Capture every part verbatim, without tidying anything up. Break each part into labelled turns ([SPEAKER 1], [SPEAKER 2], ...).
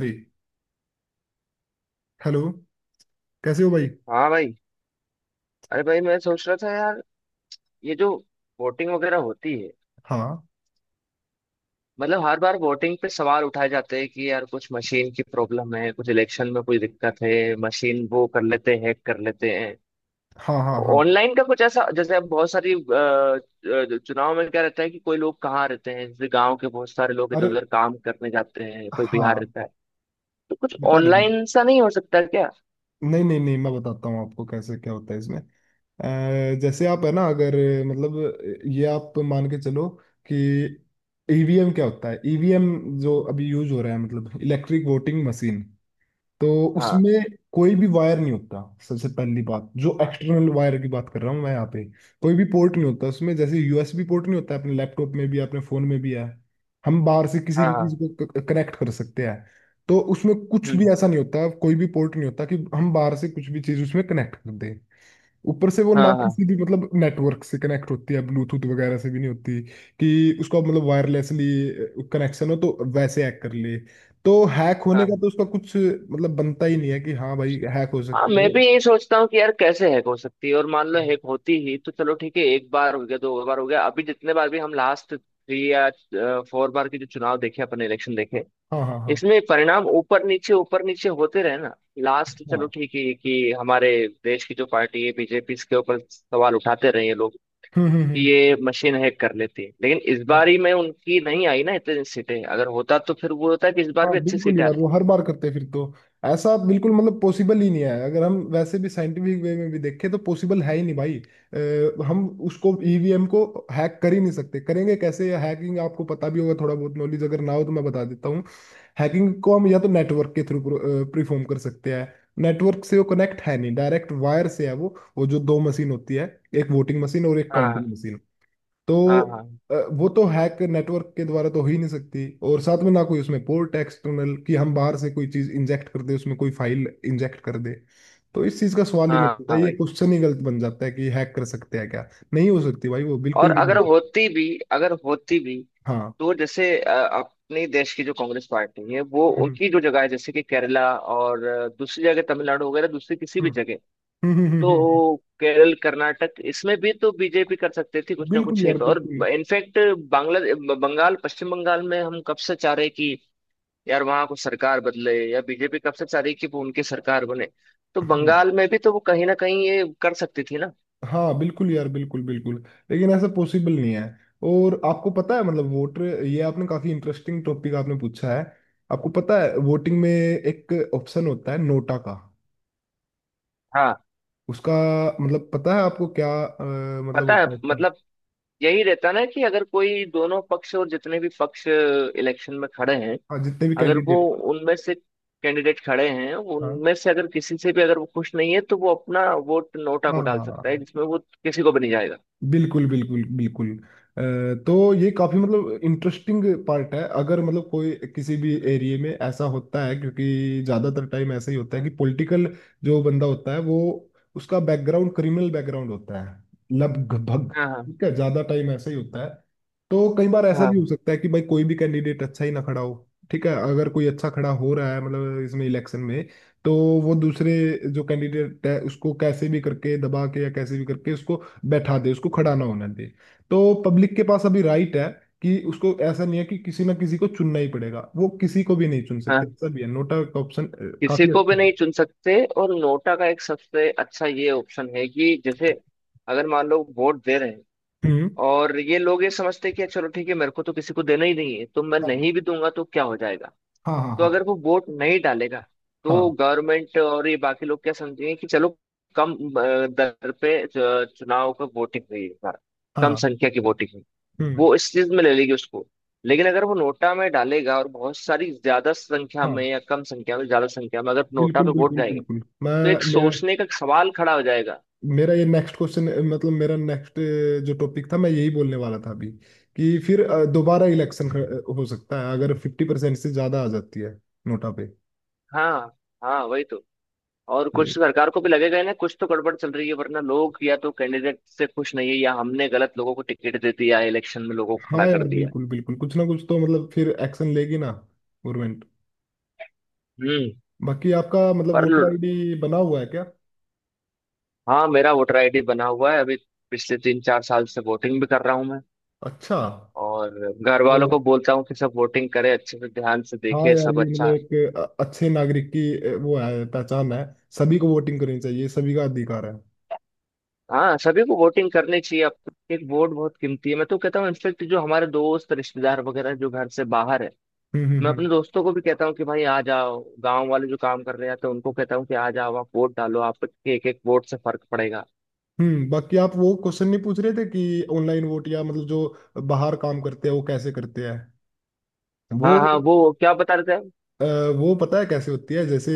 [SPEAKER 1] भाई, हेलो। कैसे हो भाई।
[SPEAKER 2] हाँ भाई। अरे भाई, मैं सोच रहा था यार, ये जो वोटिंग वगैरह होती है,
[SPEAKER 1] हाँ,
[SPEAKER 2] मतलब हर बार वोटिंग पे सवाल उठाए जाते हैं कि यार कुछ मशीन की प्रॉब्लम है, कुछ इलेक्शन में कोई दिक्कत है, मशीन वो कर लेते हैं, हैक कर लेते हैं।
[SPEAKER 1] हाँ, हाँ, हाँ,
[SPEAKER 2] ऑनलाइन का कुछ ऐसा जैसे अब बहुत सारी अ, अ, चुनाव में क्या रहता है कि कोई लोग कहाँ रहते हैं, जैसे गांव के बहुत सारे लोग इधर
[SPEAKER 1] अरे
[SPEAKER 2] उधर काम करने जाते हैं, कोई बिहार
[SPEAKER 1] हाँ,
[SPEAKER 2] रहता है, तो कुछ
[SPEAKER 1] बता रहे हैं।
[SPEAKER 2] ऑनलाइन सा नहीं हो सकता क्या?
[SPEAKER 1] नहीं नहीं नहीं, मैं बताता हूँ आपको कैसे क्या होता है इसमें। अ, जैसे आप है ना, अगर मतलब ये आप मान के चलो कि ईवीएम क्या होता है। ईवीएम जो अभी यूज हो रहा है मतलब इलेक्ट्रिक वोटिंग मशीन, तो
[SPEAKER 2] हाँ
[SPEAKER 1] उसमें कोई भी वायर नहीं होता। सबसे पहली बात, जो
[SPEAKER 2] हाँ
[SPEAKER 1] एक्सटर्नल वायर की बात कर रहा हूँ मैं यहाँ पे, कोई भी पोर्ट नहीं होता उसमें। जैसे यूएसबी पोर्ट नहीं होता, अपने लैपटॉप में भी अपने फोन में भी है, हम बाहर से किसी
[SPEAKER 2] हाँ
[SPEAKER 1] भी चीज
[SPEAKER 2] हाँ।
[SPEAKER 1] को कनेक्ट कर सकते हैं। तो उसमें कुछ
[SPEAKER 2] हम्म।
[SPEAKER 1] भी ऐसा नहीं होता, कोई भी पोर्ट नहीं होता कि हम बाहर से कुछ भी चीज उसमें कनेक्ट कर दें। ऊपर से वो ना
[SPEAKER 2] हाँ हाँ
[SPEAKER 1] किसी भी मतलब नेटवर्क से कनेक्ट होती है, ब्लूटूथ वगैरह से भी नहीं होती कि उसको मतलब वायरलेसली कनेक्शन हो तो वैसे हैक कर ले। तो हैक होने का
[SPEAKER 2] हाँ
[SPEAKER 1] तो उसका कुछ मतलब बनता ही नहीं है कि हाँ भाई हैक हो
[SPEAKER 2] हाँ,
[SPEAKER 1] सकती
[SPEAKER 2] मैं
[SPEAKER 1] है।
[SPEAKER 2] भी यही सोचता हूँ कि यार कैसे हैक हो सकती है, और मान लो हैक होती ही, तो चलो ठीक है, एक बार हो गया, दो बार हो गया, अभी जितने बार भी हम लास्ट थ्री या फोर बार के जो चुनाव देखे, अपने इलेक्शन देखे,
[SPEAKER 1] हाँ, हाँ, हाँ,
[SPEAKER 2] इसमें परिणाम ऊपर नीचे ऊपर नीचे होते रहे ना। लास्ट
[SPEAKER 1] हाँ,
[SPEAKER 2] चलो ठीक है कि हमारे देश की जो पार्टी है बीजेपी, इसके ऊपर सवाल उठाते रहे हैं लोग
[SPEAKER 1] हम्म, हम्म,
[SPEAKER 2] कि
[SPEAKER 1] हम्म।
[SPEAKER 2] ये मशीन हैक कर लेती है, लेकिन इस
[SPEAKER 1] हाँ।
[SPEAKER 2] बार ही में उनकी नहीं आई ना इतनी सीटें। अगर होता तो फिर वो होता कि इस बार
[SPEAKER 1] हाँ
[SPEAKER 2] भी अच्छी
[SPEAKER 1] बिल्कुल
[SPEAKER 2] सीटें
[SPEAKER 1] यार,
[SPEAKER 2] आती।
[SPEAKER 1] वो हर बार करते हैं फिर तो। ऐसा बिल्कुल मतलब पॉसिबल ही नहीं है, अगर हम वैसे भी साइंटिफिक वे में भी देखें तो पॉसिबल है ही नहीं भाई। अ, हम उसको ईवीएम को हैक कर ही नहीं सकते। करेंगे कैसे? हैकिंग आपको पता भी होगा, थोड़ा बहुत नॉलेज अगर ना हो तो मैं बता देता हूँ। हैकिंग को हम या तो नेटवर्क के थ्रू परफॉर्म कर सकते हैं। नेटवर्क से वो कनेक्ट है नहीं, डायरेक्ट वायर से है वो। वो जो दो मशीन होती है, एक वोटिंग मशीन और एक
[SPEAKER 2] हाँ
[SPEAKER 1] काउंटिंग मशीन,
[SPEAKER 2] हाँ
[SPEAKER 1] तो
[SPEAKER 2] हाँ
[SPEAKER 1] अ, वो तो हैक नेटवर्क के द्वारा तो हो ही नहीं सकती। और साथ में ना कोई उसमें पोर्ट एक्सटर्नल कि हम बाहर से कोई चीज इंजेक्ट कर दे, उसमें कोई फाइल इंजेक्ट कर दे। तो इस चीज का सवाल ही नहीं
[SPEAKER 2] हाँ
[SPEAKER 1] उठता,
[SPEAKER 2] हाँ
[SPEAKER 1] ये
[SPEAKER 2] भाई,
[SPEAKER 1] क्वेश्चन ही गलत बन जाता है कि हैक कर सकते हैं क्या। नहीं हो सकती भाई, वो
[SPEAKER 2] और
[SPEAKER 1] बिल्कुल भी
[SPEAKER 2] अगर
[SPEAKER 1] नहीं।
[SPEAKER 2] होती भी, अगर होती भी,
[SPEAKER 1] हाँ,
[SPEAKER 2] तो जैसे अ, अपने देश की जो कांग्रेस पार्टी है, वो
[SPEAKER 1] हम्म,
[SPEAKER 2] उनकी जो जगह है, जैसे कि केरला और अ, दूसरी जगह तमिलनाडु वगैरह, दूसरी किसी
[SPEAKER 1] हम्म,
[SPEAKER 2] भी जगह,
[SPEAKER 1] हम्म, हम्म, हम्म, हम्म, हम्म,
[SPEAKER 2] तो केरल कर्नाटक इसमें भी तो बीजेपी कर सकती थी कुछ ना
[SPEAKER 1] बिल्कुल
[SPEAKER 2] कुछ
[SPEAKER 1] यार
[SPEAKER 2] एक और।
[SPEAKER 1] बिल्कुल।
[SPEAKER 2] इनफैक्ट बांग्ला बंगाल पश्चिम बंगाल में हम कब से चाह रहे कि यार वहां को सरकार बदले, या बीजेपी कब से चाह रही कि वो उनकी सरकार बने, तो
[SPEAKER 1] हम्म।
[SPEAKER 2] बंगाल में भी तो वो कहीं ना कहीं ये कर सकती थी ना।
[SPEAKER 1] हाँ बिल्कुल यार, बिल्कुल बिल्कुल। लेकिन ऐसा पॉसिबल नहीं है। और आपको पता है मतलब वोटर, ये आपने काफी इंटरेस्टिंग टॉपिक आपने पूछा है। आपको पता है वोटिंग में एक ऑप्शन होता है नोटा का,
[SPEAKER 2] हाँ।
[SPEAKER 1] उसका मतलब पता है आपको क्या? अ, मतलब
[SPEAKER 2] पता है,
[SPEAKER 1] होता है उसका।
[SPEAKER 2] मतलब यही रहता ना कि अगर कोई दोनों पक्ष और जितने भी पक्ष इलेक्शन में खड़े हैं,
[SPEAKER 1] हाँ, जितने भी
[SPEAKER 2] अगर वो
[SPEAKER 1] कैंडिडेट।
[SPEAKER 2] उनमें से कैंडिडेट खड़े हैं,
[SPEAKER 1] हाँ,
[SPEAKER 2] उनमें से अगर किसी से भी अगर वो खुश नहीं है, तो वो अपना वोट नोटा
[SPEAKER 1] हाँ,
[SPEAKER 2] को
[SPEAKER 1] हाँ,
[SPEAKER 2] डाल
[SPEAKER 1] हाँ,
[SPEAKER 2] सकता है,
[SPEAKER 1] हाँ।
[SPEAKER 2] जिसमें वो किसी को भी नहीं जाएगा।
[SPEAKER 1] बिल्कुल बिल्कुल बिल्कुल। अ, तो ये काफी मतलब इंटरेस्टिंग पार्ट है। अगर मतलब कोई किसी भी एरिया में ऐसा होता है, क्योंकि ज्यादातर टाइम ऐसा ही होता है कि पॉलिटिकल जो बंदा होता है, वो उसका बैकग्राउंड क्रिमिनल बैकग्राउंड होता है लगभग।
[SPEAKER 2] हाँ हाँ
[SPEAKER 1] ठीक है, ज्यादा टाइम ऐसा ही होता है। तो कई बार ऐसा भी
[SPEAKER 2] हाँ
[SPEAKER 1] हो सकता है कि भाई कोई भी कैंडिडेट अच्छा ही ना खड़ा हो। ठीक है, अगर कोई अच्छा खड़ा हो रहा है मतलब इसमें इलेक्शन में, तो वो दूसरे जो कैंडिडेट है उसको कैसे भी करके दबा के या कैसे भी करके उसको बैठा दे, उसको खड़ा ना होने दे। तो पब्लिक के पास अभी राइट है कि उसको ऐसा नहीं है कि किसी ना किसी को चुनना ही पड़ेगा, वो किसी को भी नहीं चुन सकते,
[SPEAKER 2] हाँ
[SPEAKER 1] ऐसा भी है नोटा का ऑप्शन।
[SPEAKER 2] किसी
[SPEAKER 1] काफी
[SPEAKER 2] को भी
[SPEAKER 1] अच्छा है।
[SPEAKER 2] नहीं चुन सकते, और नोटा का एक सबसे अच्छा ये ऑप्शन है कि जैसे अगर मान लो वोट दे रहे हैं,
[SPEAKER 1] हम्म,
[SPEAKER 2] और ये लोग ये समझते हैं कि चलो ठीक है, मेरे को तो किसी को देना ही नहीं है, तो मैं
[SPEAKER 1] हाँ,
[SPEAKER 2] नहीं भी दूंगा तो क्या हो जाएगा।
[SPEAKER 1] हाँ, हाँ,
[SPEAKER 2] तो
[SPEAKER 1] हाँ,
[SPEAKER 2] अगर वो वोट नहीं डालेगा, तो
[SPEAKER 1] हाँ,
[SPEAKER 2] गवर्नमेंट और ये बाकी लोग क्या समझेंगे कि चलो कम अ, दर पे च- चुनाव का वोटिंग हुई है इस बार, कम
[SPEAKER 1] हाँ,
[SPEAKER 2] संख्या की वोटिंग हुई,
[SPEAKER 1] हम्म,
[SPEAKER 2] वो इस चीज में ले लेगी उसको। लेकिन अगर वो नोटा में डालेगा और बहुत सारी ज्यादा संख्या
[SPEAKER 1] हाँ
[SPEAKER 2] में, या कम संख्या में, ज्यादा संख्या में अगर नोटा
[SPEAKER 1] बिल्कुल
[SPEAKER 2] पे वोट
[SPEAKER 1] बिल्कुल
[SPEAKER 2] जाएंगे,
[SPEAKER 1] बिल्कुल। मैं
[SPEAKER 2] तो एक
[SPEAKER 1] मेरा
[SPEAKER 2] सोचने का सवाल खड़ा हो जाएगा।
[SPEAKER 1] मेरा ये नेक्स्ट क्वेश्चन, मतलब मेरा नेक्स्ट जो टॉपिक था मैं यही बोलने वाला था अभी, कि फिर अ, दोबारा इलेक्शन हो सकता है अगर फिफ्टी परसेंट से ज्यादा आ जाती है नोटा
[SPEAKER 2] हाँ, हाँ वही तो। और
[SPEAKER 1] पे।
[SPEAKER 2] कुछ सरकार को भी लगेगा ही ना, कुछ तो गड़बड़ चल रही है, वरना लोग या तो कैंडिडेट से खुश नहीं है, या हमने गलत लोगों को टिकट दे दिया इलेक्शन में, लोगों को
[SPEAKER 1] हाँ
[SPEAKER 2] खड़ा कर
[SPEAKER 1] यार
[SPEAKER 2] दिया।
[SPEAKER 1] बिल्कुल बिल्कुल, कुछ ना कुछ तो मतलब फिर एक्शन लेगी ना गवर्नमेंट।
[SPEAKER 2] हम्म।
[SPEAKER 1] बाकी आपका मतलब
[SPEAKER 2] पर
[SPEAKER 1] वोटर
[SPEAKER 2] ल-
[SPEAKER 1] आईडी बना हुआ है क्या?
[SPEAKER 2] हाँ, मेरा वोटर आईडी बना हुआ है अभी, पिछले तीन चार साल से वोटिंग भी कर रहा हूँ मैं।
[SPEAKER 1] अच्छा।
[SPEAKER 2] और घर
[SPEAKER 1] तो
[SPEAKER 2] वालों को बोलता हूँ कि सब वोटिंग करें, अच्छे से ध्यान से
[SPEAKER 1] हाँ
[SPEAKER 2] देखें
[SPEAKER 1] यार,
[SPEAKER 2] सब
[SPEAKER 1] ये मतलब
[SPEAKER 2] अच्छा।
[SPEAKER 1] एक अ- अच्छे नागरिक की अ, वो है, पहचान है। सभी को वोटिंग करनी चाहिए, सभी का अधिकार है।
[SPEAKER 2] हाँ, सभी को वोटिंग करनी चाहिए, अब तो एक वोट बहुत कीमती है। मैं तो कहता हूँ इनफेक्ट जो हमारे दोस्त रिश्तेदार वगैरह जो घर से बाहर है,
[SPEAKER 1] हम्म, हम्म,
[SPEAKER 2] मैं
[SPEAKER 1] हम्म,
[SPEAKER 2] अपने दोस्तों को भी कहता हूँ कि भाई आ जाओ, गांव वाले जो काम कर रहे हैं, तो उनको कहता हूँ कि आ जाओ आप, वोट डालो, आपके एक एक वोट से फर्क पड़ेगा।
[SPEAKER 1] हम्म, बाकी आप वो क्वेश्चन नहीं पूछ रहे थे कि ऑनलाइन वोट, या मतलब जो बाहर काम करते हैं वो कैसे करते हैं वो?
[SPEAKER 2] हाँ हाँ, वो क्या बता रहे थे आप?
[SPEAKER 1] अ, वो पता है कैसे होती है। जैसे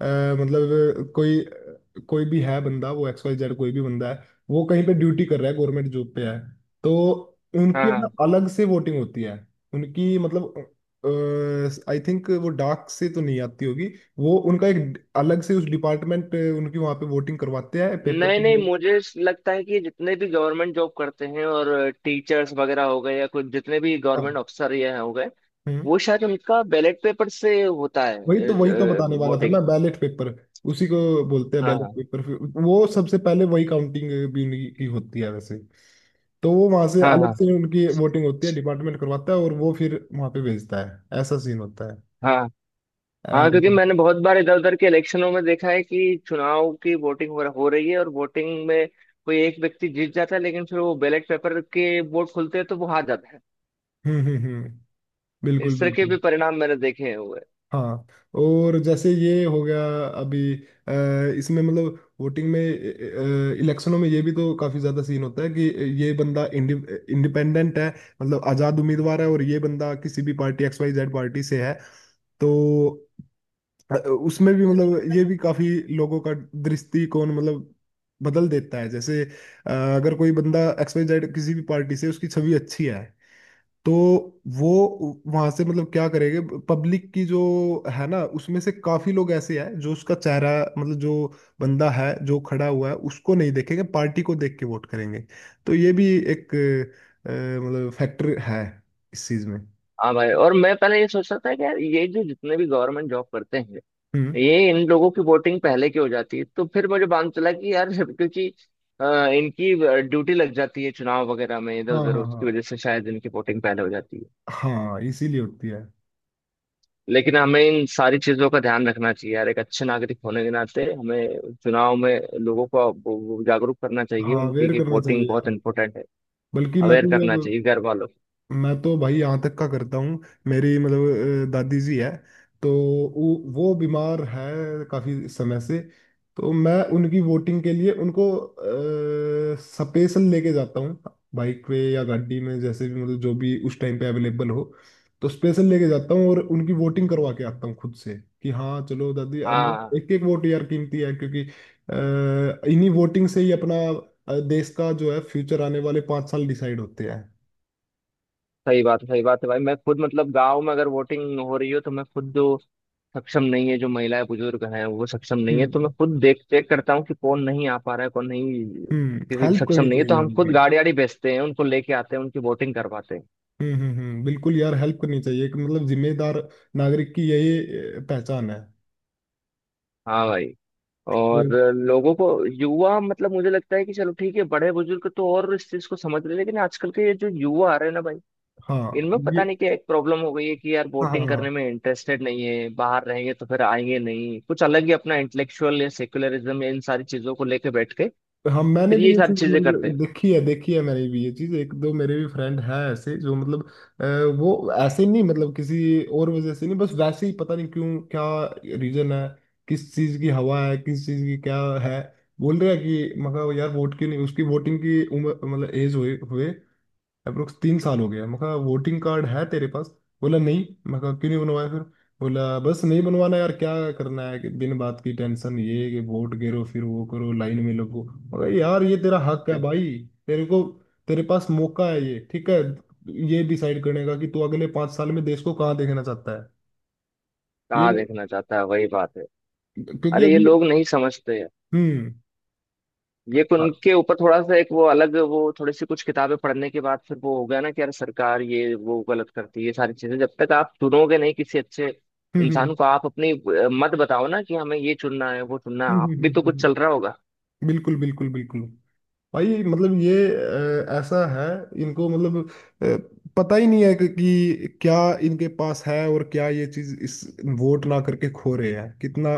[SPEAKER 1] अ, मतलब कोई, कोई भी है बंदा, वो एक्स वाई जेड कोई भी बंदा है वो कहीं पे ड्यूटी कर रहा है, गवर्नमेंट जॉब पे है, तो उनकी
[SPEAKER 2] हाँ
[SPEAKER 1] है ना
[SPEAKER 2] हाँ
[SPEAKER 1] अलग से वोटिंग होती है। उनकी मतलब आई थिंक वो डाक से तो नहीं आती होगी, वो उनका एक अलग से उस डिपार्टमेंट उनकी वहां पे वोटिंग करवाते हैं पेपर
[SPEAKER 2] नहीं
[SPEAKER 1] की।
[SPEAKER 2] नहीं, मुझे लगता है कि जितने भी गवर्नमेंट जॉब करते हैं, और टीचर्स वगैरह हो गए, या कुछ जितने भी
[SPEAKER 1] हाँ,
[SPEAKER 2] गवर्नमेंट अफसर ये हो गए,
[SPEAKER 1] हम्म,
[SPEAKER 2] वो शायद उनका बैलेट पेपर से होता
[SPEAKER 1] वही तो
[SPEAKER 2] है
[SPEAKER 1] वही तो बताने वाला था
[SPEAKER 2] वोटिंग।
[SPEAKER 1] मैं, बैलेट पेपर। उसी को बोलते हैं
[SPEAKER 2] हाँ
[SPEAKER 1] बैलेट
[SPEAKER 2] हाँ
[SPEAKER 1] पेपर फिर। वो सबसे पहले वही काउंटिंग भी उन्हीं की होती है वैसे। तो वो वहां से
[SPEAKER 2] हाँ
[SPEAKER 1] अलग
[SPEAKER 2] हाँ
[SPEAKER 1] से उनकी वोटिंग होती है, डिपार्टमेंट करवाता है, और वो फिर वहां पे भेजता है, ऐसा सीन होता है।
[SPEAKER 2] हाँ
[SPEAKER 1] अ,
[SPEAKER 2] हाँ क्योंकि
[SPEAKER 1] हम्म।
[SPEAKER 2] मैंने बहुत बार इधर उधर के इलेक्शनों में देखा है कि चुनाव की वोटिंग हो, हो रही है, और वोटिंग में कोई एक व्यक्ति जीत जाता है, लेकिन फिर वो बैलेट पेपर के वोट खुलते हैं तो वो हार जाता है।
[SPEAKER 1] हम्म, हम्म, बिल्कुल
[SPEAKER 2] इस तरह के भी
[SPEAKER 1] बिल्कुल।
[SPEAKER 2] परिणाम मैंने देखे हुए हैं।
[SPEAKER 1] हाँ, और जैसे ये हो गया अभी, अ, इसमें मतलब वोटिंग में इलेक्शनों में ये भी तो काफी ज्यादा सीन होता है कि ये बंदा इंडिपेंडेंट है, मतलब आजाद उम्मीदवार है, और ये बंदा किसी भी party X Y Z party से है। तो अ, उसमें भी मतलब ये भी काफी लोगों का दृष्टिकोण मतलब बदल देता है। जैसे अ, अगर कोई बंदा एक्स वाई जेड किसी भी पार्टी से, उसकी छवि अच्छी है, तो वो वहां से मतलब क्या करेंगे, पब्लिक की जो है ना उसमें से काफी लोग ऐसे हैं जो उसका चेहरा, मतलब जो बंदा है जो खड़ा हुआ है उसको नहीं देखेंगे, पार्टी को देख के वोट करेंगे। तो ये भी एक अ, मतलब फैक्टर है इस चीज में।
[SPEAKER 2] हाँ भाई, और मैं पहले ये सोच रहा था कि यार ये जो जितने भी गवर्नमेंट जॉब करते हैं,
[SPEAKER 1] हम्म,
[SPEAKER 2] ये इन लोगों की वोटिंग पहले की हो जाती है। तो फिर मुझे मालूम चला कि यार क्योंकि अ, इनकी ड्यूटी लग जाती है चुनाव वगैरह में इधर
[SPEAKER 1] हाँ,
[SPEAKER 2] उधर,
[SPEAKER 1] हाँ, हाँ,
[SPEAKER 2] उसकी वजह से शायद इनकी वोटिंग पहले हो जाती है।
[SPEAKER 1] हाँ, इसीलिए होती है।
[SPEAKER 2] लेकिन हमें इन सारी चीजों का ध्यान रखना चाहिए यार, एक अच्छे नागरिक होने के नाते हमें चुनाव में लोगों को वो- वो जागरूक करना चाहिए
[SPEAKER 1] हाँ,
[SPEAKER 2] उनकी
[SPEAKER 1] अवेयर
[SPEAKER 2] कि
[SPEAKER 1] करना
[SPEAKER 2] वोटिंग
[SPEAKER 1] चाहिए
[SPEAKER 2] बहुत
[SPEAKER 1] यार।
[SPEAKER 2] इंपॉर्टेंट है।
[SPEAKER 1] बल्कि मैं
[SPEAKER 2] अवेयर
[SPEAKER 1] तो ये,
[SPEAKER 2] करना चाहिए घर वालों को।
[SPEAKER 1] मैं तो भाई यहाँ तक का करता हूँ, मेरी मतलब अ, दादी जी है, तो वो वो बीमार है काफी समय से। तो मैं उनकी वोटिंग के लिए उनको अ, स्पेशल लेके जाता हूँ, बाइक पे या गाड़ी में जैसे भी मतलब जो भी उस टाइम पे अवेलेबल हो। तो स्पेशल लेके जाता हूँ और उनकी वोटिंग करवा के आता हूँ खुद से, कि हाँ चलो दादी अब।
[SPEAKER 2] हाँ,
[SPEAKER 1] एक एक वोट यार कीमती है, क्योंकि अ, इन्हीं वोटिंग से ही अपना अ, देश का जो है फ्यूचर आने वाले पाँच साल डिसाइड होते हैं।
[SPEAKER 2] सही बात है, सही बात है भाई। मैं खुद मतलब गांव में अगर वोटिंग हो रही हो, तो मैं खुद जो सक्षम नहीं है, जो महिलाएं बुजुर्ग हैं वो सक्षम नहीं है, तो मैं
[SPEAKER 1] हम्म,
[SPEAKER 2] खुद देख देख करता हूँ कि कौन नहीं आ पा रहा है, कौन नहीं।
[SPEAKER 1] हम्म,
[SPEAKER 2] किसी को
[SPEAKER 1] हेल्प
[SPEAKER 2] सक्षम
[SPEAKER 1] करनी
[SPEAKER 2] नहीं है तो
[SPEAKER 1] चाहिए
[SPEAKER 2] हम खुद
[SPEAKER 1] उनकी।
[SPEAKER 2] गाड़ी वाड़ी बेचते हैं, उनको लेके आते हैं, उनकी वोटिंग करवाते हैं।
[SPEAKER 1] हम्म, हम्म, हम्म, बिल्कुल यार, हेल्प करनी चाहिए। एक मतलब जिम्मेदार नागरिक की यही अ, पहचान है।
[SPEAKER 2] हाँ भाई, और
[SPEAKER 1] ये-
[SPEAKER 2] लोगों को युवा, मतलब मुझे लगता है कि चलो ठीक है, बड़े बुजुर्ग तो और इस चीज को समझ रहे, लेकिन आजकल के ये जो युवा आ रहे हैं ना भाई,
[SPEAKER 1] हाँ,
[SPEAKER 2] इनमें
[SPEAKER 1] ये,
[SPEAKER 2] पता नहीं क्या एक प्रॉब्लम हो गई है कि यार
[SPEAKER 1] हाँ, हाँ,
[SPEAKER 2] बोटिंग
[SPEAKER 1] हाँ,
[SPEAKER 2] करने में इंटरेस्टेड नहीं है। बाहर रहेंगे तो फिर आएंगे नहीं, कुछ अलग ही अपना इंटेलेक्चुअल या सेक्युलरिज्म या इन सारी चीजों को लेके बैठ के
[SPEAKER 1] हाँ, मैंने
[SPEAKER 2] फिर
[SPEAKER 1] भी
[SPEAKER 2] ये
[SPEAKER 1] ये
[SPEAKER 2] सारी
[SPEAKER 1] चीज
[SPEAKER 2] चीजें
[SPEAKER 1] मतलब
[SPEAKER 2] करते
[SPEAKER 1] देखी है। देखी है मैंने भी ये चीज, एक दो मेरे भी फ्रेंड हैं ऐसे जो मतलब अ, वो ऐसे नहीं, मतलब किसी और वजह से नहीं, बस वैसे ही पता नहीं क्यों, क्या रीजन है, किस चीज की हवा है, किस चीज की क्या है, बोल रहे हैं कि मगर यार वोट क्यों नहीं। उसकी वोटिंग की उम्र मतलब एज हुए हुए अप्रोक्स तीन साल हो गया। मैं कहा वोटिंग कार्ड है तेरे पास, बोला नहीं। मैं कहा क्यों नहीं बनवाया फिर? बोला बस नहीं बनवाना यार, क्या करना है कि बिन बात की टेंशन, ये कि वोट गिरो फिर वो करो, लाइन में लगो। मैं कहा यार ये तेरा हक है
[SPEAKER 2] हैं।
[SPEAKER 1] भाई, तेरे को तेरे पास मौका है ये। ठीक है, ये डिसाइड करने का कि तू अगले पांच साल में देश को कहाँ देखना चाहता है। ये
[SPEAKER 2] कहाँ देखना चाहता है, वही बात है।
[SPEAKER 1] क्योंकि
[SPEAKER 2] अरे ये
[SPEAKER 1] अभी
[SPEAKER 2] लोग नहीं समझते
[SPEAKER 1] हम्म,
[SPEAKER 2] ये, कि
[SPEAKER 1] हाँ,
[SPEAKER 2] उनके ऊपर थोड़ा सा एक वो अलग, वो थोड़ी सी कुछ किताबें पढ़ने के बाद फिर वो हो गया ना कि यार सरकार ये वो गलत करती है, ये सारी चीजें। जब तक आप चुनोगे नहीं किसी अच्छे
[SPEAKER 1] हम्म, हम्म,
[SPEAKER 2] इंसान को, आप अपनी अ, मत बताओ ना कि हमें ये चुनना है, वो चुनना
[SPEAKER 1] हम्म,
[SPEAKER 2] है, आप
[SPEAKER 1] हम्म,
[SPEAKER 2] भी तो
[SPEAKER 1] हम्म, हम्म,
[SPEAKER 2] कुछ चल रहा
[SPEAKER 1] हम्म,
[SPEAKER 2] होगा।
[SPEAKER 1] बिल्कुल बिल्कुल बिल्कुल। भाई मतलब ये अ, ऐसा है, इनको मतलब अ, पता ही नहीं है कि, कि क्या इनके पास है, और क्या ये चीज इस वोट ना करके खो रहे हैं। कितना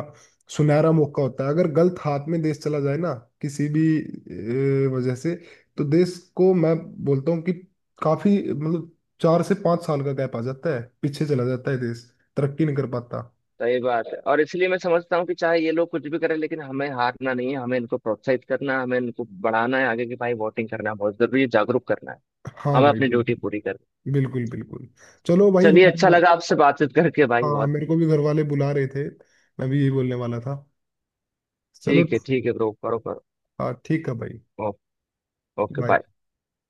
[SPEAKER 1] सुनहरा मौका होता है, अगर गलत हाथ में देश चला जाए ना किसी भी अ, वजह से, तो देश को मैं बोलता हूँ कि काफी मतलब चार से पांच साल का गैप आ जाता है, पीछे चला जाता है देश, तरक्की नहीं कर पाता।
[SPEAKER 2] सही बात है, और इसलिए मैं समझता हूँ कि चाहे ये लोग कुछ भी करें, लेकिन हमें हारना नहीं है, हमें इनको प्रोत्साहित करना है, हमें इनको बढ़ाना है आगे की, भाई वोटिंग करना बहुत जरूरी है, जागरूक करना है,
[SPEAKER 1] हाँ
[SPEAKER 2] हमें
[SPEAKER 1] भाई
[SPEAKER 2] अपनी ड्यूटी
[SPEAKER 1] बिल्कुल
[SPEAKER 2] पूरी करनी
[SPEAKER 1] बिल्कुल बिल्कुल। चलो
[SPEAKER 2] है।
[SPEAKER 1] भाई,
[SPEAKER 2] चलिए,
[SPEAKER 1] मैं,
[SPEAKER 2] अच्छा
[SPEAKER 1] मैं
[SPEAKER 2] लगा आपसे बातचीत करके भाई
[SPEAKER 1] हाँ
[SPEAKER 2] बहुत।
[SPEAKER 1] मेरे को भी घर वाले बुला रहे थे, मैं भी यही बोलने वाला था। चलो,
[SPEAKER 2] ठीक है, ठीक है ब्रो, करो करो।
[SPEAKER 1] हाँ ठीक है भाई,
[SPEAKER 2] ओ- ओके,
[SPEAKER 1] बाय।
[SPEAKER 2] बाय।